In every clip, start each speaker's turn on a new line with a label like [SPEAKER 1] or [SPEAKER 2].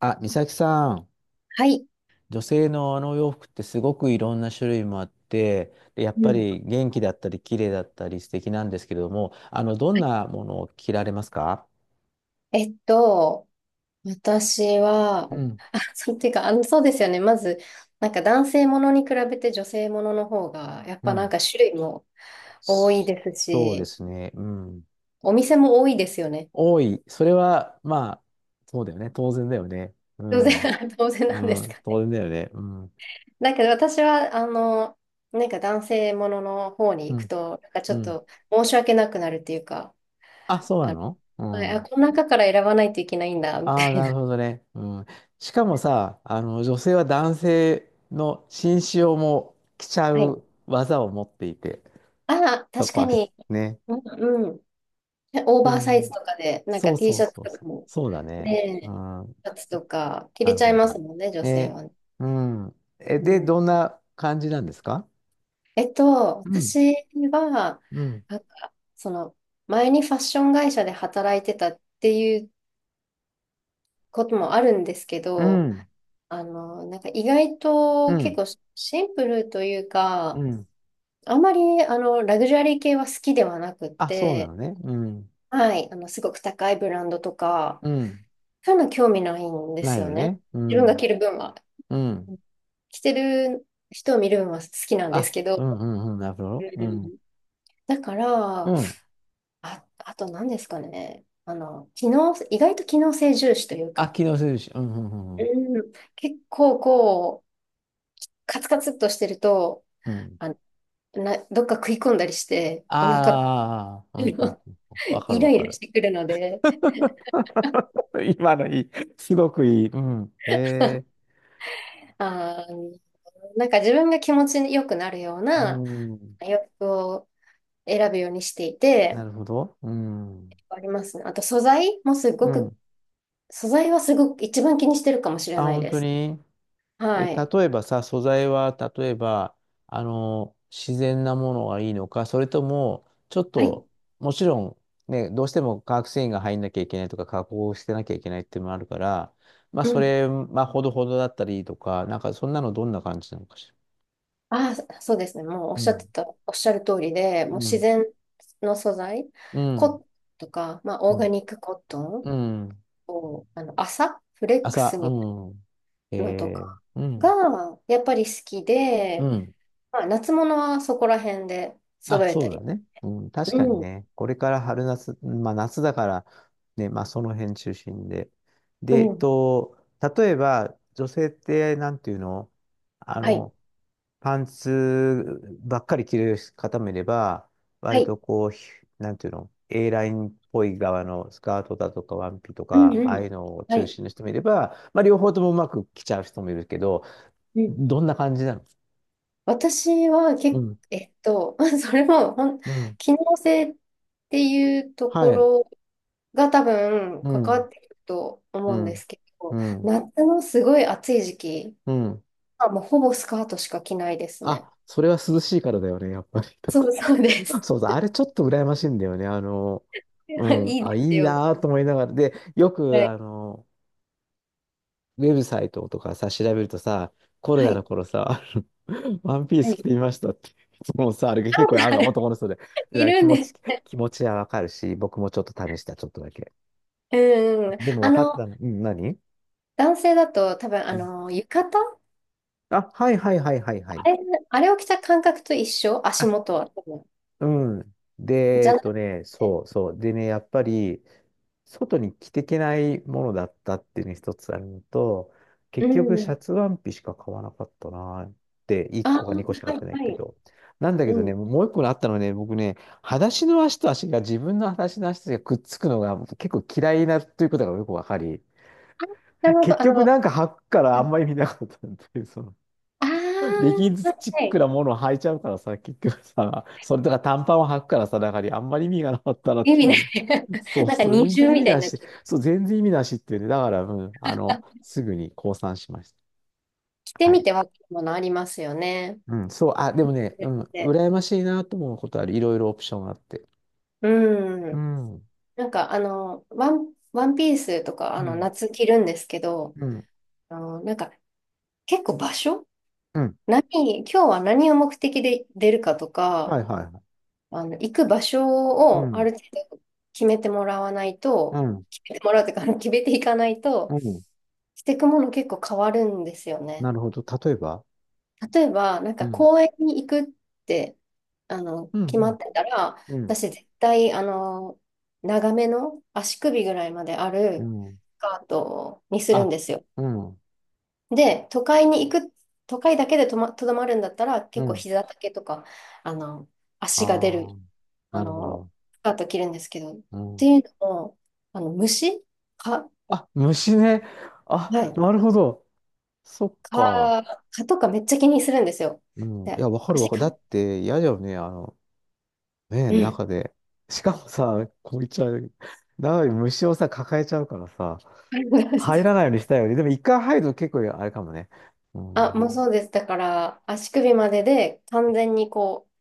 [SPEAKER 1] あ、美咲さん、
[SPEAKER 2] はい。
[SPEAKER 1] 女性のお洋服ってすごくいろんな種類もあって、でやっ
[SPEAKER 2] う
[SPEAKER 1] ぱ
[SPEAKER 2] ん。
[SPEAKER 1] り元気だったり綺麗だったり素敵なんですけれども、どん
[SPEAKER 2] はい。
[SPEAKER 1] なものを着られますか？
[SPEAKER 2] えっと、私は、
[SPEAKER 1] うん、
[SPEAKER 2] あ、そう、っていうか、そうですよね。まず、なんか男性ものに比べて女性ものの方が、やっ
[SPEAKER 1] う
[SPEAKER 2] ぱなん
[SPEAKER 1] ん。
[SPEAKER 2] か種類も多いです
[SPEAKER 1] そうで
[SPEAKER 2] し、
[SPEAKER 1] すね。うん。
[SPEAKER 2] お店も多いですよね。
[SPEAKER 1] 多い。それは、まあ、そうだよね。当然だよね。う
[SPEAKER 2] 当
[SPEAKER 1] ん。
[SPEAKER 2] 然、当然
[SPEAKER 1] う
[SPEAKER 2] なんです
[SPEAKER 1] ん。
[SPEAKER 2] か
[SPEAKER 1] 当
[SPEAKER 2] ね。
[SPEAKER 1] 然だよね。うん。
[SPEAKER 2] だけど私は、なんか男性ものの方に
[SPEAKER 1] う
[SPEAKER 2] 行く
[SPEAKER 1] ん。
[SPEAKER 2] と、なんかち
[SPEAKER 1] う
[SPEAKER 2] ょっ
[SPEAKER 1] ん。
[SPEAKER 2] と申し訳なくなるっていうか、
[SPEAKER 1] あ、そうな
[SPEAKER 2] あ、
[SPEAKER 1] の？
[SPEAKER 2] この中から選ばないといけないんだ、みた
[SPEAKER 1] ああ、
[SPEAKER 2] い
[SPEAKER 1] なる
[SPEAKER 2] な。
[SPEAKER 1] ほどね。うん。しかもさ、女性は男性の紳士用も着ちゃ
[SPEAKER 2] はい。
[SPEAKER 1] う技を持っていて、
[SPEAKER 2] ああ、
[SPEAKER 1] そ
[SPEAKER 2] 確
[SPEAKER 1] こ
[SPEAKER 2] か
[SPEAKER 1] は
[SPEAKER 2] に。
[SPEAKER 1] ね。
[SPEAKER 2] うん、オーバー
[SPEAKER 1] で、
[SPEAKER 2] サイズとかで、なん
[SPEAKER 1] そ
[SPEAKER 2] か
[SPEAKER 1] う
[SPEAKER 2] T
[SPEAKER 1] そう
[SPEAKER 2] シャツ
[SPEAKER 1] そう
[SPEAKER 2] と
[SPEAKER 1] そ
[SPEAKER 2] か
[SPEAKER 1] う。
[SPEAKER 2] も、
[SPEAKER 1] そうだ
[SPEAKER 2] ね
[SPEAKER 1] ね。う
[SPEAKER 2] え、
[SPEAKER 1] ん。
[SPEAKER 2] シャツとか着
[SPEAKER 1] な
[SPEAKER 2] れ
[SPEAKER 1] る
[SPEAKER 2] ちゃい
[SPEAKER 1] ほ
[SPEAKER 2] ま
[SPEAKER 1] ど。
[SPEAKER 2] すもんね、女性
[SPEAKER 1] ね。
[SPEAKER 2] はね。
[SPEAKER 1] うん。え、
[SPEAKER 2] う
[SPEAKER 1] で、
[SPEAKER 2] ん、
[SPEAKER 1] どんな感じなんですか？うん。
[SPEAKER 2] 私は、
[SPEAKER 1] うん。
[SPEAKER 2] なんか、前にファッション会社で働いてたっていうこともあるんですけ
[SPEAKER 1] う
[SPEAKER 2] ど、
[SPEAKER 1] ん。
[SPEAKER 2] なんか意外
[SPEAKER 1] う
[SPEAKER 2] と結
[SPEAKER 1] ん。
[SPEAKER 2] 構シンプルという
[SPEAKER 1] う
[SPEAKER 2] か、
[SPEAKER 1] ん。
[SPEAKER 2] あんまり、ラグジュアリー系は好きではなくっ
[SPEAKER 1] あ、そうな
[SPEAKER 2] て、
[SPEAKER 1] のね。うん。
[SPEAKER 2] はい、すごく高いブランドとか、
[SPEAKER 1] うん。
[SPEAKER 2] そういうの興味ないんで
[SPEAKER 1] な
[SPEAKER 2] す
[SPEAKER 1] い
[SPEAKER 2] よ
[SPEAKER 1] よ
[SPEAKER 2] ね。
[SPEAKER 1] ね。う
[SPEAKER 2] 自分が着
[SPEAKER 1] ん。
[SPEAKER 2] る分は。
[SPEAKER 1] うん。
[SPEAKER 2] 着てる人を見るのは好きなんです
[SPEAKER 1] あ、
[SPEAKER 2] け
[SPEAKER 1] う
[SPEAKER 2] ど、
[SPEAKER 1] んうんうん。なるほ
[SPEAKER 2] う
[SPEAKER 1] ど。うん。
[SPEAKER 2] ん。だから、
[SPEAKER 1] うん。
[SPEAKER 2] あと何ですかね。意外と機能性重視という
[SPEAKER 1] あ、
[SPEAKER 2] か、
[SPEAKER 1] 機能するし。うん、うん、うんうん。
[SPEAKER 2] う結構こう、カツカツっとしてると、
[SPEAKER 1] うん。
[SPEAKER 2] あ、どっか食い込んだりして、お腹、
[SPEAKER 1] あ あ、う
[SPEAKER 2] イ
[SPEAKER 1] ん、うん、うん。わかる
[SPEAKER 2] ラ
[SPEAKER 1] わか
[SPEAKER 2] イラし
[SPEAKER 1] る。
[SPEAKER 2] てくるので、
[SPEAKER 1] 今のいい。すごくいい。うん。へえ。
[SPEAKER 2] あー、なんか自分が気持ちよくなるよう
[SPEAKER 1] う
[SPEAKER 2] な
[SPEAKER 1] ん。
[SPEAKER 2] 洋服を選ぶようにしていて、
[SPEAKER 1] なるほど。うん。
[SPEAKER 2] ありますね。あと素材もす
[SPEAKER 1] う
[SPEAKER 2] ごく
[SPEAKER 1] ん。
[SPEAKER 2] 素材はすごく一番気にしてるかもしれ
[SPEAKER 1] あ、
[SPEAKER 2] ない
[SPEAKER 1] 本
[SPEAKER 2] で
[SPEAKER 1] 当に？
[SPEAKER 2] す。
[SPEAKER 1] え、
[SPEAKER 2] はい。
[SPEAKER 1] 例えばさ、素材は、例えば、自然なものがいいのか、それとも、ちょっ
[SPEAKER 2] はい。
[SPEAKER 1] と、もちろん、ね、どうしても化学繊維が入んなきゃいけないとか、加工してなきゃいけないっていうのもあるから、まあ、
[SPEAKER 2] う
[SPEAKER 1] そ
[SPEAKER 2] ん。
[SPEAKER 1] れ、まあ、ほどほどだったりとか、なんか、そんなのどんな感じなのかしら。
[SPEAKER 2] ああ、そうですね。もう
[SPEAKER 1] うん。
[SPEAKER 2] おっしゃる通りで、もう
[SPEAKER 1] う
[SPEAKER 2] 自
[SPEAKER 1] ん。
[SPEAKER 2] 然の素材、
[SPEAKER 1] う
[SPEAKER 2] コッ
[SPEAKER 1] ん。
[SPEAKER 2] トンとか、まあ、
[SPEAKER 1] う
[SPEAKER 2] オーガ
[SPEAKER 1] ん。
[SPEAKER 2] ニックコット
[SPEAKER 1] う
[SPEAKER 2] ン
[SPEAKER 1] ん。
[SPEAKER 2] を、麻、フレック
[SPEAKER 1] 朝、
[SPEAKER 2] ス
[SPEAKER 1] う
[SPEAKER 2] みたい
[SPEAKER 1] ん。
[SPEAKER 2] なのと
[SPEAKER 1] え
[SPEAKER 2] か
[SPEAKER 1] ー、うん。
[SPEAKER 2] が、やっぱり好き
[SPEAKER 1] う
[SPEAKER 2] で、
[SPEAKER 1] ん。
[SPEAKER 2] まあ、夏物はそこら辺で
[SPEAKER 1] あ、
[SPEAKER 2] 揃えた
[SPEAKER 1] そうだ
[SPEAKER 2] り。
[SPEAKER 1] ね。うん、確かに
[SPEAKER 2] うん。
[SPEAKER 1] ね。これから春夏、まあ夏だから、ね、まあその辺中心で。
[SPEAKER 2] う
[SPEAKER 1] で、
[SPEAKER 2] ん。
[SPEAKER 1] 例えば、女性って、なんていうの、あ
[SPEAKER 2] はい。
[SPEAKER 1] の、パンツばっかり着る方もいれば、
[SPEAKER 2] は
[SPEAKER 1] 割
[SPEAKER 2] い。
[SPEAKER 1] とこう、なんていうの、 A ラインっぽい側のスカートだとかワンピと
[SPEAKER 2] うん
[SPEAKER 1] か、
[SPEAKER 2] う
[SPEAKER 1] ああ
[SPEAKER 2] ん。
[SPEAKER 1] いうのを
[SPEAKER 2] は
[SPEAKER 1] 中
[SPEAKER 2] い。
[SPEAKER 1] 心の人もいれば、まあ両方ともうまく着ちゃう人もいるけど、
[SPEAKER 2] うん
[SPEAKER 1] どんな感じなの？
[SPEAKER 2] 私は
[SPEAKER 1] う
[SPEAKER 2] け
[SPEAKER 1] ん、
[SPEAKER 2] えっと、それもほん、
[SPEAKER 1] うん、
[SPEAKER 2] 機能性っていうとこ
[SPEAKER 1] はい、
[SPEAKER 2] ろが多分
[SPEAKER 1] う
[SPEAKER 2] 関わ
[SPEAKER 1] ん。
[SPEAKER 2] ってくると
[SPEAKER 1] う
[SPEAKER 2] 思うんで
[SPEAKER 1] ん。
[SPEAKER 2] すけ
[SPEAKER 1] う
[SPEAKER 2] ど、
[SPEAKER 1] ん。
[SPEAKER 2] 夏のすごい暑い時期
[SPEAKER 1] うん。
[SPEAKER 2] はもうほぼスカートしか着ないですね。
[SPEAKER 1] あ、それは涼しいからだよね、やっぱり。
[SPEAKER 2] そうそうで す。
[SPEAKER 1] そうそう、あれちょっと羨ましいんだよね。う ん。
[SPEAKER 2] いい
[SPEAKER 1] あ、
[SPEAKER 2] で
[SPEAKER 1] い
[SPEAKER 2] す
[SPEAKER 1] い
[SPEAKER 2] よ。
[SPEAKER 1] なぁと思いながら。で、よ
[SPEAKER 2] は
[SPEAKER 1] く、
[SPEAKER 2] い。
[SPEAKER 1] ウェブサイトとかさ、調べるとさ、コロ
[SPEAKER 2] は
[SPEAKER 1] ナの
[SPEAKER 2] い。
[SPEAKER 1] 頃さ、ワンピー
[SPEAKER 2] は
[SPEAKER 1] ス着
[SPEAKER 2] い
[SPEAKER 1] てみましたって。もうさ、あれが結構あるの、男の人で。だか
[SPEAKER 2] い
[SPEAKER 1] ら
[SPEAKER 2] る
[SPEAKER 1] 気
[SPEAKER 2] ん
[SPEAKER 1] 持
[SPEAKER 2] です。
[SPEAKER 1] ち、気持ちはわかるし、僕もちょっと試した、ちょっとだけ。
[SPEAKER 2] うん。
[SPEAKER 1] でも分かったの。うん、何？
[SPEAKER 2] 男性だと多分、
[SPEAKER 1] うん、
[SPEAKER 2] 浴衣
[SPEAKER 1] あ、はいはいはいはいは
[SPEAKER 2] あ
[SPEAKER 1] い。
[SPEAKER 2] れ、あれを着た感覚と一緒。足元
[SPEAKER 1] あ、
[SPEAKER 2] は多分。
[SPEAKER 1] うん。で、
[SPEAKER 2] じゃな、
[SPEAKER 1] そうそう。でね、やっぱり、外に着てけないものだったっていうのが一つあるのと、
[SPEAKER 2] う
[SPEAKER 1] 結局、シャ
[SPEAKER 2] ん。
[SPEAKER 1] ツワンピしか買わなかったなーって、1
[SPEAKER 2] あ
[SPEAKER 1] 個か2個し
[SPEAKER 2] ー、
[SPEAKER 1] か買
[SPEAKER 2] は
[SPEAKER 1] って
[SPEAKER 2] い、
[SPEAKER 1] ない
[SPEAKER 2] は
[SPEAKER 1] け
[SPEAKER 2] い。
[SPEAKER 1] ど。なんだけど
[SPEAKER 2] うん。
[SPEAKER 1] ね、もう1個あったのはね、僕ね、裸足の足と足が、自分の裸足の足がくっつくのが結構嫌いなということがよくわかり、
[SPEAKER 2] なるほ
[SPEAKER 1] 結
[SPEAKER 2] ど。
[SPEAKER 1] 局
[SPEAKER 2] は
[SPEAKER 1] なんか履くからあん
[SPEAKER 2] い、
[SPEAKER 1] まり見なかったっていう、その、
[SPEAKER 2] あ
[SPEAKER 1] レ
[SPEAKER 2] あ、
[SPEAKER 1] ギンズチ
[SPEAKER 2] は
[SPEAKER 1] ック
[SPEAKER 2] い
[SPEAKER 1] なものを履いちゃうからさ、結局さ、それとか短パンを履くからさ、だからあんまり意味がなかったなって
[SPEAKER 2] 指い。
[SPEAKER 1] 今も。
[SPEAKER 2] な
[SPEAKER 1] そう
[SPEAKER 2] なんか
[SPEAKER 1] そう、
[SPEAKER 2] 二
[SPEAKER 1] 全然
[SPEAKER 2] 重
[SPEAKER 1] 意味
[SPEAKER 2] みたい
[SPEAKER 1] な
[SPEAKER 2] になっ
[SPEAKER 1] し。
[SPEAKER 2] ちゃう。
[SPEAKER 1] そう、全然意味なしっていうね。だから、うん、すぐに降参しまし
[SPEAKER 2] 着て
[SPEAKER 1] た。は
[SPEAKER 2] み
[SPEAKER 1] い。
[SPEAKER 2] てわかるものありますよね。
[SPEAKER 1] うん、そう、あ、でもね、うん、
[SPEAKER 2] で、
[SPEAKER 1] 羨ましいなと思うことある。いろいろオプションがあって。
[SPEAKER 2] う
[SPEAKER 1] う
[SPEAKER 2] ん。
[SPEAKER 1] ん、うん、
[SPEAKER 2] なんかワンピースとか、あの、夏着るんですけど、
[SPEAKER 1] うん、
[SPEAKER 2] なんか結構場所
[SPEAKER 1] うん。
[SPEAKER 2] 何、今日は何を目的で出るかとか、
[SPEAKER 1] はいはいはい。
[SPEAKER 2] 行く場所
[SPEAKER 1] う
[SPEAKER 2] を
[SPEAKER 1] ん、
[SPEAKER 2] あ
[SPEAKER 1] う
[SPEAKER 2] る程度決めてもらわないと、
[SPEAKER 1] ん、
[SPEAKER 2] 決めてもらうというか、決めていかない
[SPEAKER 1] う
[SPEAKER 2] と、
[SPEAKER 1] ん。
[SPEAKER 2] していくもの結構変わるんですよ
[SPEAKER 1] な
[SPEAKER 2] ね。
[SPEAKER 1] るほど。例えば、
[SPEAKER 2] 例えば、なん
[SPEAKER 1] う
[SPEAKER 2] か
[SPEAKER 1] ん、
[SPEAKER 2] 公園に行くって、
[SPEAKER 1] うん、
[SPEAKER 2] 決
[SPEAKER 1] う
[SPEAKER 2] まっ
[SPEAKER 1] ん、
[SPEAKER 2] てたら、
[SPEAKER 1] うん、
[SPEAKER 2] 私絶対、長めの足首ぐらいまであ
[SPEAKER 1] う
[SPEAKER 2] る
[SPEAKER 1] ん。
[SPEAKER 2] スカートにするん
[SPEAKER 1] あ、
[SPEAKER 2] ですよ。
[SPEAKER 1] うん、
[SPEAKER 2] で、都会に行く、都会だけでとどまるんだったら、
[SPEAKER 1] う
[SPEAKER 2] 結構
[SPEAKER 1] ん。
[SPEAKER 2] 膝丈とか、あの、
[SPEAKER 1] あ
[SPEAKER 2] 足が出
[SPEAKER 1] あ、
[SPEAKER 2] る、あ
[SPEAKER 1] なるほ
[SPEAKER 2] の、
[SPEAKER 1] ど。
[SPEAKER 2] スカート着るんですけど、っ
[SPEAKER 1] うん。
[SPEAKER 2] ていうのも、あの、虫か、
[SPEAKER 1] あ、虫ね。
[SPEAKER 2] は
[SPEAKER 1] あ、
[SPEAKER 2] い、
[SPEAKER 1] なるほど。そっか。
[SPEAKER 2] 蚊とかめっちゃ気にするんですよ。
[SPEAKER 1] うん。い
[SPEAKER 2] で、
[SPEAKER 1] や、わかるわ
[SPEAKER 2] 足
[SPEAKER 1] かる。
[SPEAKER 2] が、
[SPEAKER 1] だって嫌だよね。あの、ね、
[SPEAKER 2] うん。
[SPEAKER 1] 中で。しかもさ、こう言っちゃう。中に虫をさ、抱えちゃうからさ、入ら ないようにしたいよね。でも一回入ると結構あれかもね。う
[SPEAKER 2] あ、もう
[SPEAKER 1] ん。
[SPEAKER 2] そうです。だから、足首までで完全にこう、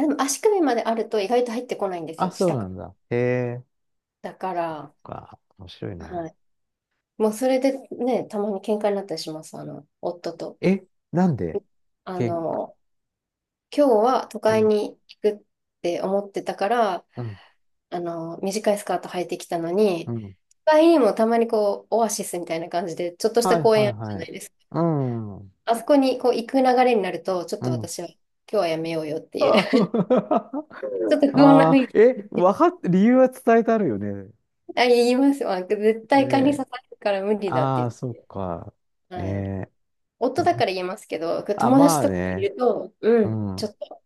[SPEAKER 2] でも足首まであると意外と入ってこないんです
[SPEAKER 1] あ、
[SPEAKER 2] よ、
[SPEAKER 1] そう
[SPEAKER 2] 下か
[SPEAKER 1] な
[SPEAKER 2] ら。
[SPEAKER 1] んだ。へえ。
[SPEAKER 2] だか
[SPEAKER 1] そっ
[SPEAKER 2] ら、
[SPEAKER 1] か、面白いな。
[SPEAKER 2] はい。もうそれでね、たまに喧嘩になったりします、夫と。
[SPEAKER 1] え、なんで
[SPEAKER 2] あ
[SPEAKER 1] け、
[SPEAKER 2] の、今日は都
[SPEAKER 1] う
[SPEAKER 2] 会
[SPEAKER 1] ん、
[SPEAKER 2] に行くって思ってたから、
[SPEAKER 1] うん、
[SPEAKER 2] 短いスカート履いてきたの
[SPEAKER 1] う
[SPEAKER 2] に、
[SPEAKER 1] ん。
[SPEAKER 2] 都会にもたまにこう、オアシスみたいな感じで、ちょっとし
[SPEAKER 1] はい、
[SPEAKER 2] た公
[SPEAKER 1] はい、
[SPEAKER 2] 園あるじゃ
[SPEAKER 1] は
[SPEAKER 2] な
[SPEAKER 1] い。
[SPEAKER 2] いですか。
[SPEAKER 1] うん、うん。
[SPEAKER 2] あそこにこう、行く流れになると、ちょっと私は、今日はやめようよって いう、
[SPEAKER 1] あ
[SPEAKER 2] ちょっと不穏な
[SPEAKER 1] あ
[SPEAKER 2] 雰囲
[SPEAKER 1] ー、え、
[SPEAKER 2] 気。
[SPEAKER 1] わかっ、理由は伝えてあるよね？
[SPEAKER 2] あ、言います。まあ、絶対蚊に
[SPEAKER 1] ね、
[SPEAKER 2] 刺されるから無理だっ
[SPEAKER 1] ああ
[SPEAKER 2] て。
[SPEAKER 1] そっか。
[SPEAKER 2] はい。
[SPEAKER 1] ね
[SPEAKER 2] 夫
[SPEAKER 1] え。
[SPEAKER 2] だから言えますけど、
[SPEAKER 1] あ、
[SPEAKER 2] 友
[SPEAKER 1] ま
[SPEAKER 2] 達
[SPEAKER 1] あ
[SPEAKER 2] とかい
[SPEAKER 1] ね。
[SPEAKER 2] ると、う
[SPEAKER 1] う
[SPEAKER 2] ん、ちょ
[SPEAKER 1] ん。
[SPEAKER 2] っと、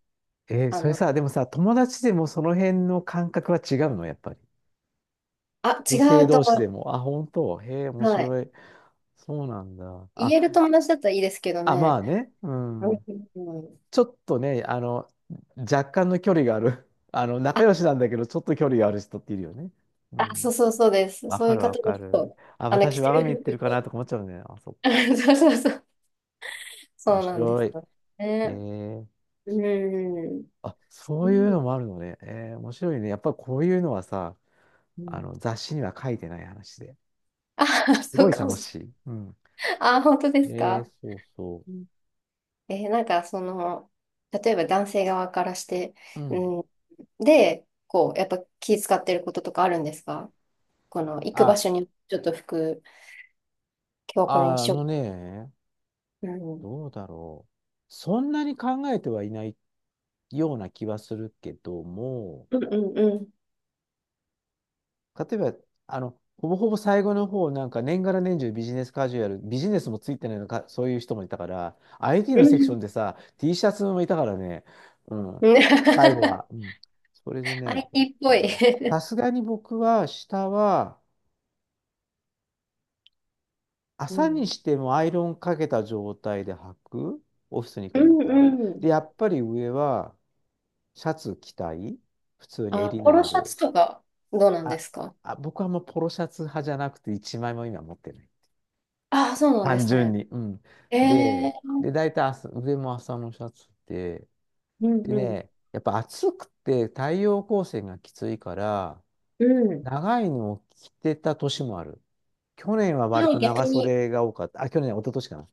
[SPEAKER 1] え、
[SPEAKER 2] あ
[SPEAKER 1] それ
[SPEAKER 2] の、
[SPEAKER 1] さ、でもさ、友達でもその辺の感覚は違うの、やっぱり。
[SPEAKER 2] あ、
[SPEAKER 1] 女
[SPEAKER 2] 違
[SPEAKER 1] 性
[SPEAKER 2] うと
[SPEAKER 1] 同士で
[SPEAKER 2] 思
[SPEAKER 1] も。あ、本当。へえ、面
[SPEAKER 2] う。はい。
[SPEAKER 1] 白い。そうなんだ。
[SPEAKER 2] 言
[SPEAKER 1] あ、
[SPEAKER 2] える友達だったらいいですけど
[SPEAKER 1] あ、ま
[SPEAKER 2] ね。
[SPEAKER 1] あね。う
[SPEAKER 2] うん
[SPEAKER 1] ん。
[SPEAKER 2] うん、
[SPEAKER 1] ちょっとね、若干の距離がある。仲
[SPEAKER 2] あ、
[SPEAKER 1] 良しなんだけど、ちょっと距離がある人っているよね。う
[SPEAKER 2] そ
[SPEAKER 1] ん。
[SPEAKER 2] うそうそうです。
[SPEAKER 1] わ
[SPEAKER 2] そう
[SPEAKER 1] か
[SPEAKER 2] いう
[SPEAKER 1] るわ
[SPEAKER 2] 方だ
[SPEAKER 1] かる。
[SPEAKER 2] と、
[SPEAKER 1] あ、私、
[SPEAKER 2] 着て
[SPEAKER 1] 我が身言っ
[SPEAKER 2] る
[SPEAKER 1] てるか
[SPEAKER 2] 服。
[SPEAKER 1] なとか思っちゃうね。あ、そう。
[SPEAKER 2] そうそうそう。
[SPEAKER 1] 面
[SPEAKER 2] そうなんで
[SPEAKER 1] 白
[SPEAKER 2] す
[SPEAKER 1] い。
[SPEAKER 2] よ
[SPEAKER 1] え
[SPEAKER 2] ね。
[SPEAKER 1] ー、
[SPEAKER 2] うん。
[SPEAKER 1] あ、そ
[SPEAKER 2] う
[SPEAKER 1] ういうの
[SPEAKER 2] ん。
[SPEAKER 1] もあるのね。えー、面白いね。やっぱりこういうのはさ、
[SPEAKER 2] うん。
[SPEAKER 1] 雑誌には書いてない話で。
[SPEAKER 2] あ、
[SPEAKER 1] す
[SPEAKER 2] そ
[SPEAKER 1] ご
[SPEAKER 2] う
[SPEAKER 1] い
[SPEAKER 2] かも。
[SPEAKER 1] 楽しい。うん。
[SPEAKER 2] あ、本当です
[SPEAKER 1] えー、
[SPEAKER 2] か？
[SPEAKER 1] そうそ
[SPEAKER 2] なんか、その、例えば男性側からして、
[SPEAKER 1] う。うん。
[SPEAKER 2] うん、で、こう、やっぱ気使ってることとかあるんですか？この、行く場
[SPEAKER 1] あ、
[SPEAKER 2] 所に、ちょっと服、今日はこれに
[SPEAKER 1] ああ
[SPEAKER 2] しよ
[SPEAKER 1] のね、
[SPEAKER 2] う。うん。
[SPEAKER 1] どうだろう。そんなに考えてはいないような気はするけども、
[SPEAKER 2] うんうんうん。
[SPEAKER 1] 例えば、ほぼほぼ最後の方、なんか年がら年中ビジネスカジュアル、ビジネスもついてないのか、そういう人もいたから、IT
[SPEAKER 2] う
[SPEAKER 1] のセクシ
[SPEAKER 2] ん。
[SPEAKER 1] ョンでさ、T シャツもいたからね、うん、最後は。うん、それでね、どうし
[SPEAKER 2] IT っ
[SPEAKER 1] た
[SPEAKER 2] ぽ
[SPEAKER 1] か
[SPEAKER 2] い。
[SPEAKER 1] な。さ すがに僕は、下は、
[SPEAKER 2] う
[SPEAKER 1] 朝
[SPEAKER 2] ん。
[SPEAKER 1] にしてもアイロンかけた状態で履く、オフィスに行く
[SPEAKER 2] う
[SPEAKER 1] んだっ
[SPEAKER 2] ん
[SPEAKER 1] たら。
[SPEAKER 2] うん。
[SPEAKER 1] で、やっぱり上は、シャツ着たい、普通に
[SPEAKER 2] あ、
[SPEAKER 1] 襟
[SPEAKER 2] ポ
[SPEAKER 1] の
[SPEAKER 2] ロ
[SPEAKER 1] あ
[SPEAKER 2] シャツ
[SPEAKER 1] る。
[SPEAKER 2] とか、どうなんで
[SPEAKER 1] あ、
[SPEAKER 2] すか？
[SPEAKER 1] あ、僕はもうポロシャツ派じゃなくて、一枚も今持ってない。
[SPEAKER 2] ああ、そうなんで
[SPEAKER 1] 単
[SPEAKER 2] す
[SPEAKER 1] 純
[SPEAKER 2] ね。
[SPEAKER 1] に。うん。
[SPEAKER 2] え
[SPEAKER 1] で、
[SPEAKER 2] え、
[SPEAKER 1] で、大体朝、上も朝のシャツで、
[SPEAKER 2] うん
[SPEAKER 1] で
[SPEAKER 2] うん。
[SPEAKER 1] ね、やっぱ暑くて太陽光線がきついから、
[SPEAKER 2] うん。
[SPEAKER 1] 長いのを着てた年もある。去年は割
[SPEAKER 2] はい、
[SPEAKER 1] と長
[SPEAKER 2] 逆に。
[SPEAKER 1] 袖が多かった。あ、去年、一昨年かな。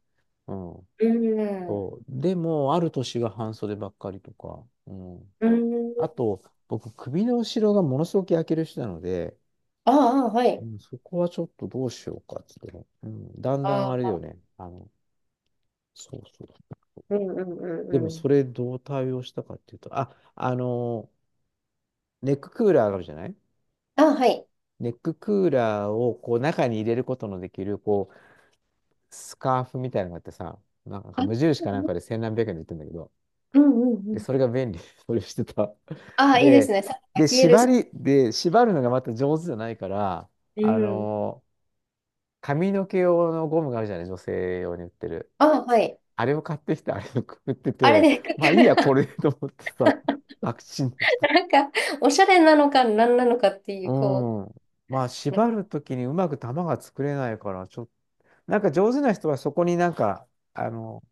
[SPEAKER 1] うん。
[SPEAKER 2] うん。
[SPEAKER 1] そう。でも、ある年は半袖ばっかりとか。うん。
[SPEAKER 2] うん。
[SPEAKER 1] あと、僕、首の後ろがものすごく焼ける人なので、
[SPEAKER 2] ああ、は
[SPEAKER 1] う
[SPEAKER 2] い。
[SPEAKER 1] ん、そこはちょっとどうしようかって言ってね。うん。だんだんあ
[SPEAKER 2] あ
[SPEAKER 1] れだよ
[SPEAKER 2] あ。
[SPEAKER 1] ね。そうそう。
[SPEAKER 2] うんうんう
[SPEAKER 1] で
[SPEAKER 2] んう
[SPEAKER 1] もそ
[SPEAKER 2] ん。
[SPEAKER 1] れどう対応したかっていうと、あ、ネッククーラーがあるじゃない？
[SPEAKER 2] あ、はい。
[SPEAKER 1] ネッククーラーをこう中に入れることのできるこうスカーフみたいなのがあってさ、なんか
[SPEAKER 2] あ、うん
[SPEAKER 1] 無印かなんかで千何百円で売ってるんだけど、
[SPEAKER 2] うんう
[SPEAKER 1] で、
[SPEAKER 2] ん。
[SPEAKER 1] それが便利、それをしてた。
[SPEAKER 2] あ、いいです
[SPEAKER 1] で、
[SPEAKER 2] ね。サッカー
[SPEAKER 1] で、
[SPEAKER 2] 冷える
[SPEAKER 1] 縛
[SPEAKER 2] し。
[SPEAKER 1] り、で、縛るのがまた上手じゃないから、
[SPEAKER 2] う
[SPEAKER 1] あ
[SPEAKER 2] ん。
[SPEAKER 1] の、髪の毛用のゴムがあるじゃない？女性用に売ってる。
[SPEAKER 2] あ、はい。
[SPEAKER 1] あれを買ってきて、あれを くくって
[SPEAKER 2] あれ
[SPEAKER 1] て、
[SPEAKER 2] で、
[SPEAKER 1] まあいいや、こ れ でと思ってさ、楽ちんだし
[SPEAKER 2] なんか、おしゃれなのか何なのかってい
[SPEAKER 1] う
[SPEAKER 2] う、こ
[SPEAKER 1] ん。まあ、
[SPEAKER 2] う、なん
[SPEAKER 1] 縛
[SPEAKER 2] か
[SPEAKER 1] るときにうまく玉が作れないから、ちょっと、なんか上手な人はそこになんか、あの、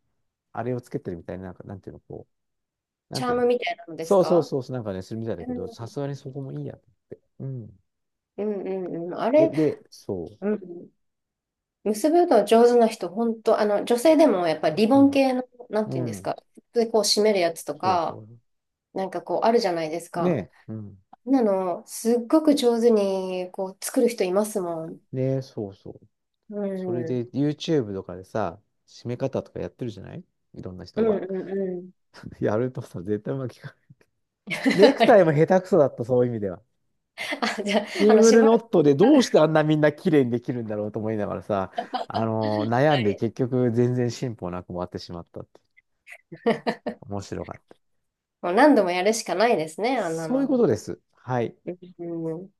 [SPEAKER 1] あれをつけてるみたいな、なんか、なんていうの、こう、な
[SPEAKER 2] チ
[SPEAKER 1] ん
[SPEAKER 2] ャ
[SPEAKER 1] て
[SPEAKER 2] ー
[SPEAKER 1] いうの。
[SPEAKER 2] ムみたいなのです
[SPEAKER 1] そうそう
[SPEAKER 2] か？
[SPEAKER 1] そうそう、なんかね、するみたいだ
[SPEAKER 2] う
[SPEAKER 1] けど、さ
[SPEAKER 2] ん
[SPEAKER 1] すがにそこもいいや。うん。
[SPEAKER 2] うんうんうん。あ
[SPEAKER 1] で、
[SPEAKER 2] れ、
[SPEAKER 1] で、そ
[SPEAKER 2] うん。結ぶの上手な人、本当女性でもやっぱりリ
[SPEAKER 1] う。
[SPEAKER 2] ボ
[SPEAKER 1] う
[SPEAKER 2] ン
[SPEAKER 1] ん。
[SPEAKER 2] 系の、なん
[SPEAKER 1] う
[SPEAKER 2] ていうんです
[SPEAKER 1] ん。
[SPEAKER 2] か、で、こう締めるやつと
[SPEAKER 1] そう
[SPEAKER 2] か、
[SPEAKER 1] そ
[SPEAKER 2] なんかこうあるじゃないです
[SPEAKER 1] う。ね
[SPEAKER 2] か。
[SPEAKER 1] え。うん。
[SPEAKER 2] あんなの、すっごく上手に、こう、作る人いますもん。
[SPEAKER 1] ねえ、そうそう。
[SPEAKER 2] う
[SPEAKER 1] それ
[SPEAKER 2] ん。う
[SPEAKER 1] で、
[SPEAKER 2] ん
[SPEAKER 1] YouTube とかでさ、締め方とかやってるじゃない？いろんな
[SPEAKER 2] う
[SPEAKER 1] 人
[SPEAKER 2] ん
[SPEAKER 1] が。
[SPEAKER 2] うん。
[SPEAKER 1] やるとさ、絶対うまくいかない。ネ ク
[SPEAKER 2] あ
[SPEAKER 1] タ
[SPEAKER 2] れ
[SPEAKER 1] イも下手くそだった、そういう意味では。
[SPEAKER 2] あ、じゃ
[SPEAKER 1] シ
[SPEAKER 2] あ、
[SPEAKER 1] ング
[SPEAKER 2] し
[SPEAKER 1] ル
[SPEAKER 2] ば
[SPEAKER 1] ノ
[SPEAKER 2] らく。
[SPEAKER 1] ットでどうしてあんなみんな綺麗にできるんだろうと思いながらさ、悩
[SPEAKER 2] は
[SPEAKER 1] んで結
[SPEAKER 2] い。
[SPEAKER 1] 局全然進歩なく終わってしまったって。面白かった。
[SPEAKER 2] もう何度もやるしかないですね、あんな
[SPEAKER 1] そういうこ
[SPEAKER 2] の。
[SPEAKER 1] とです。はい。
[SPEAKER 2] うん。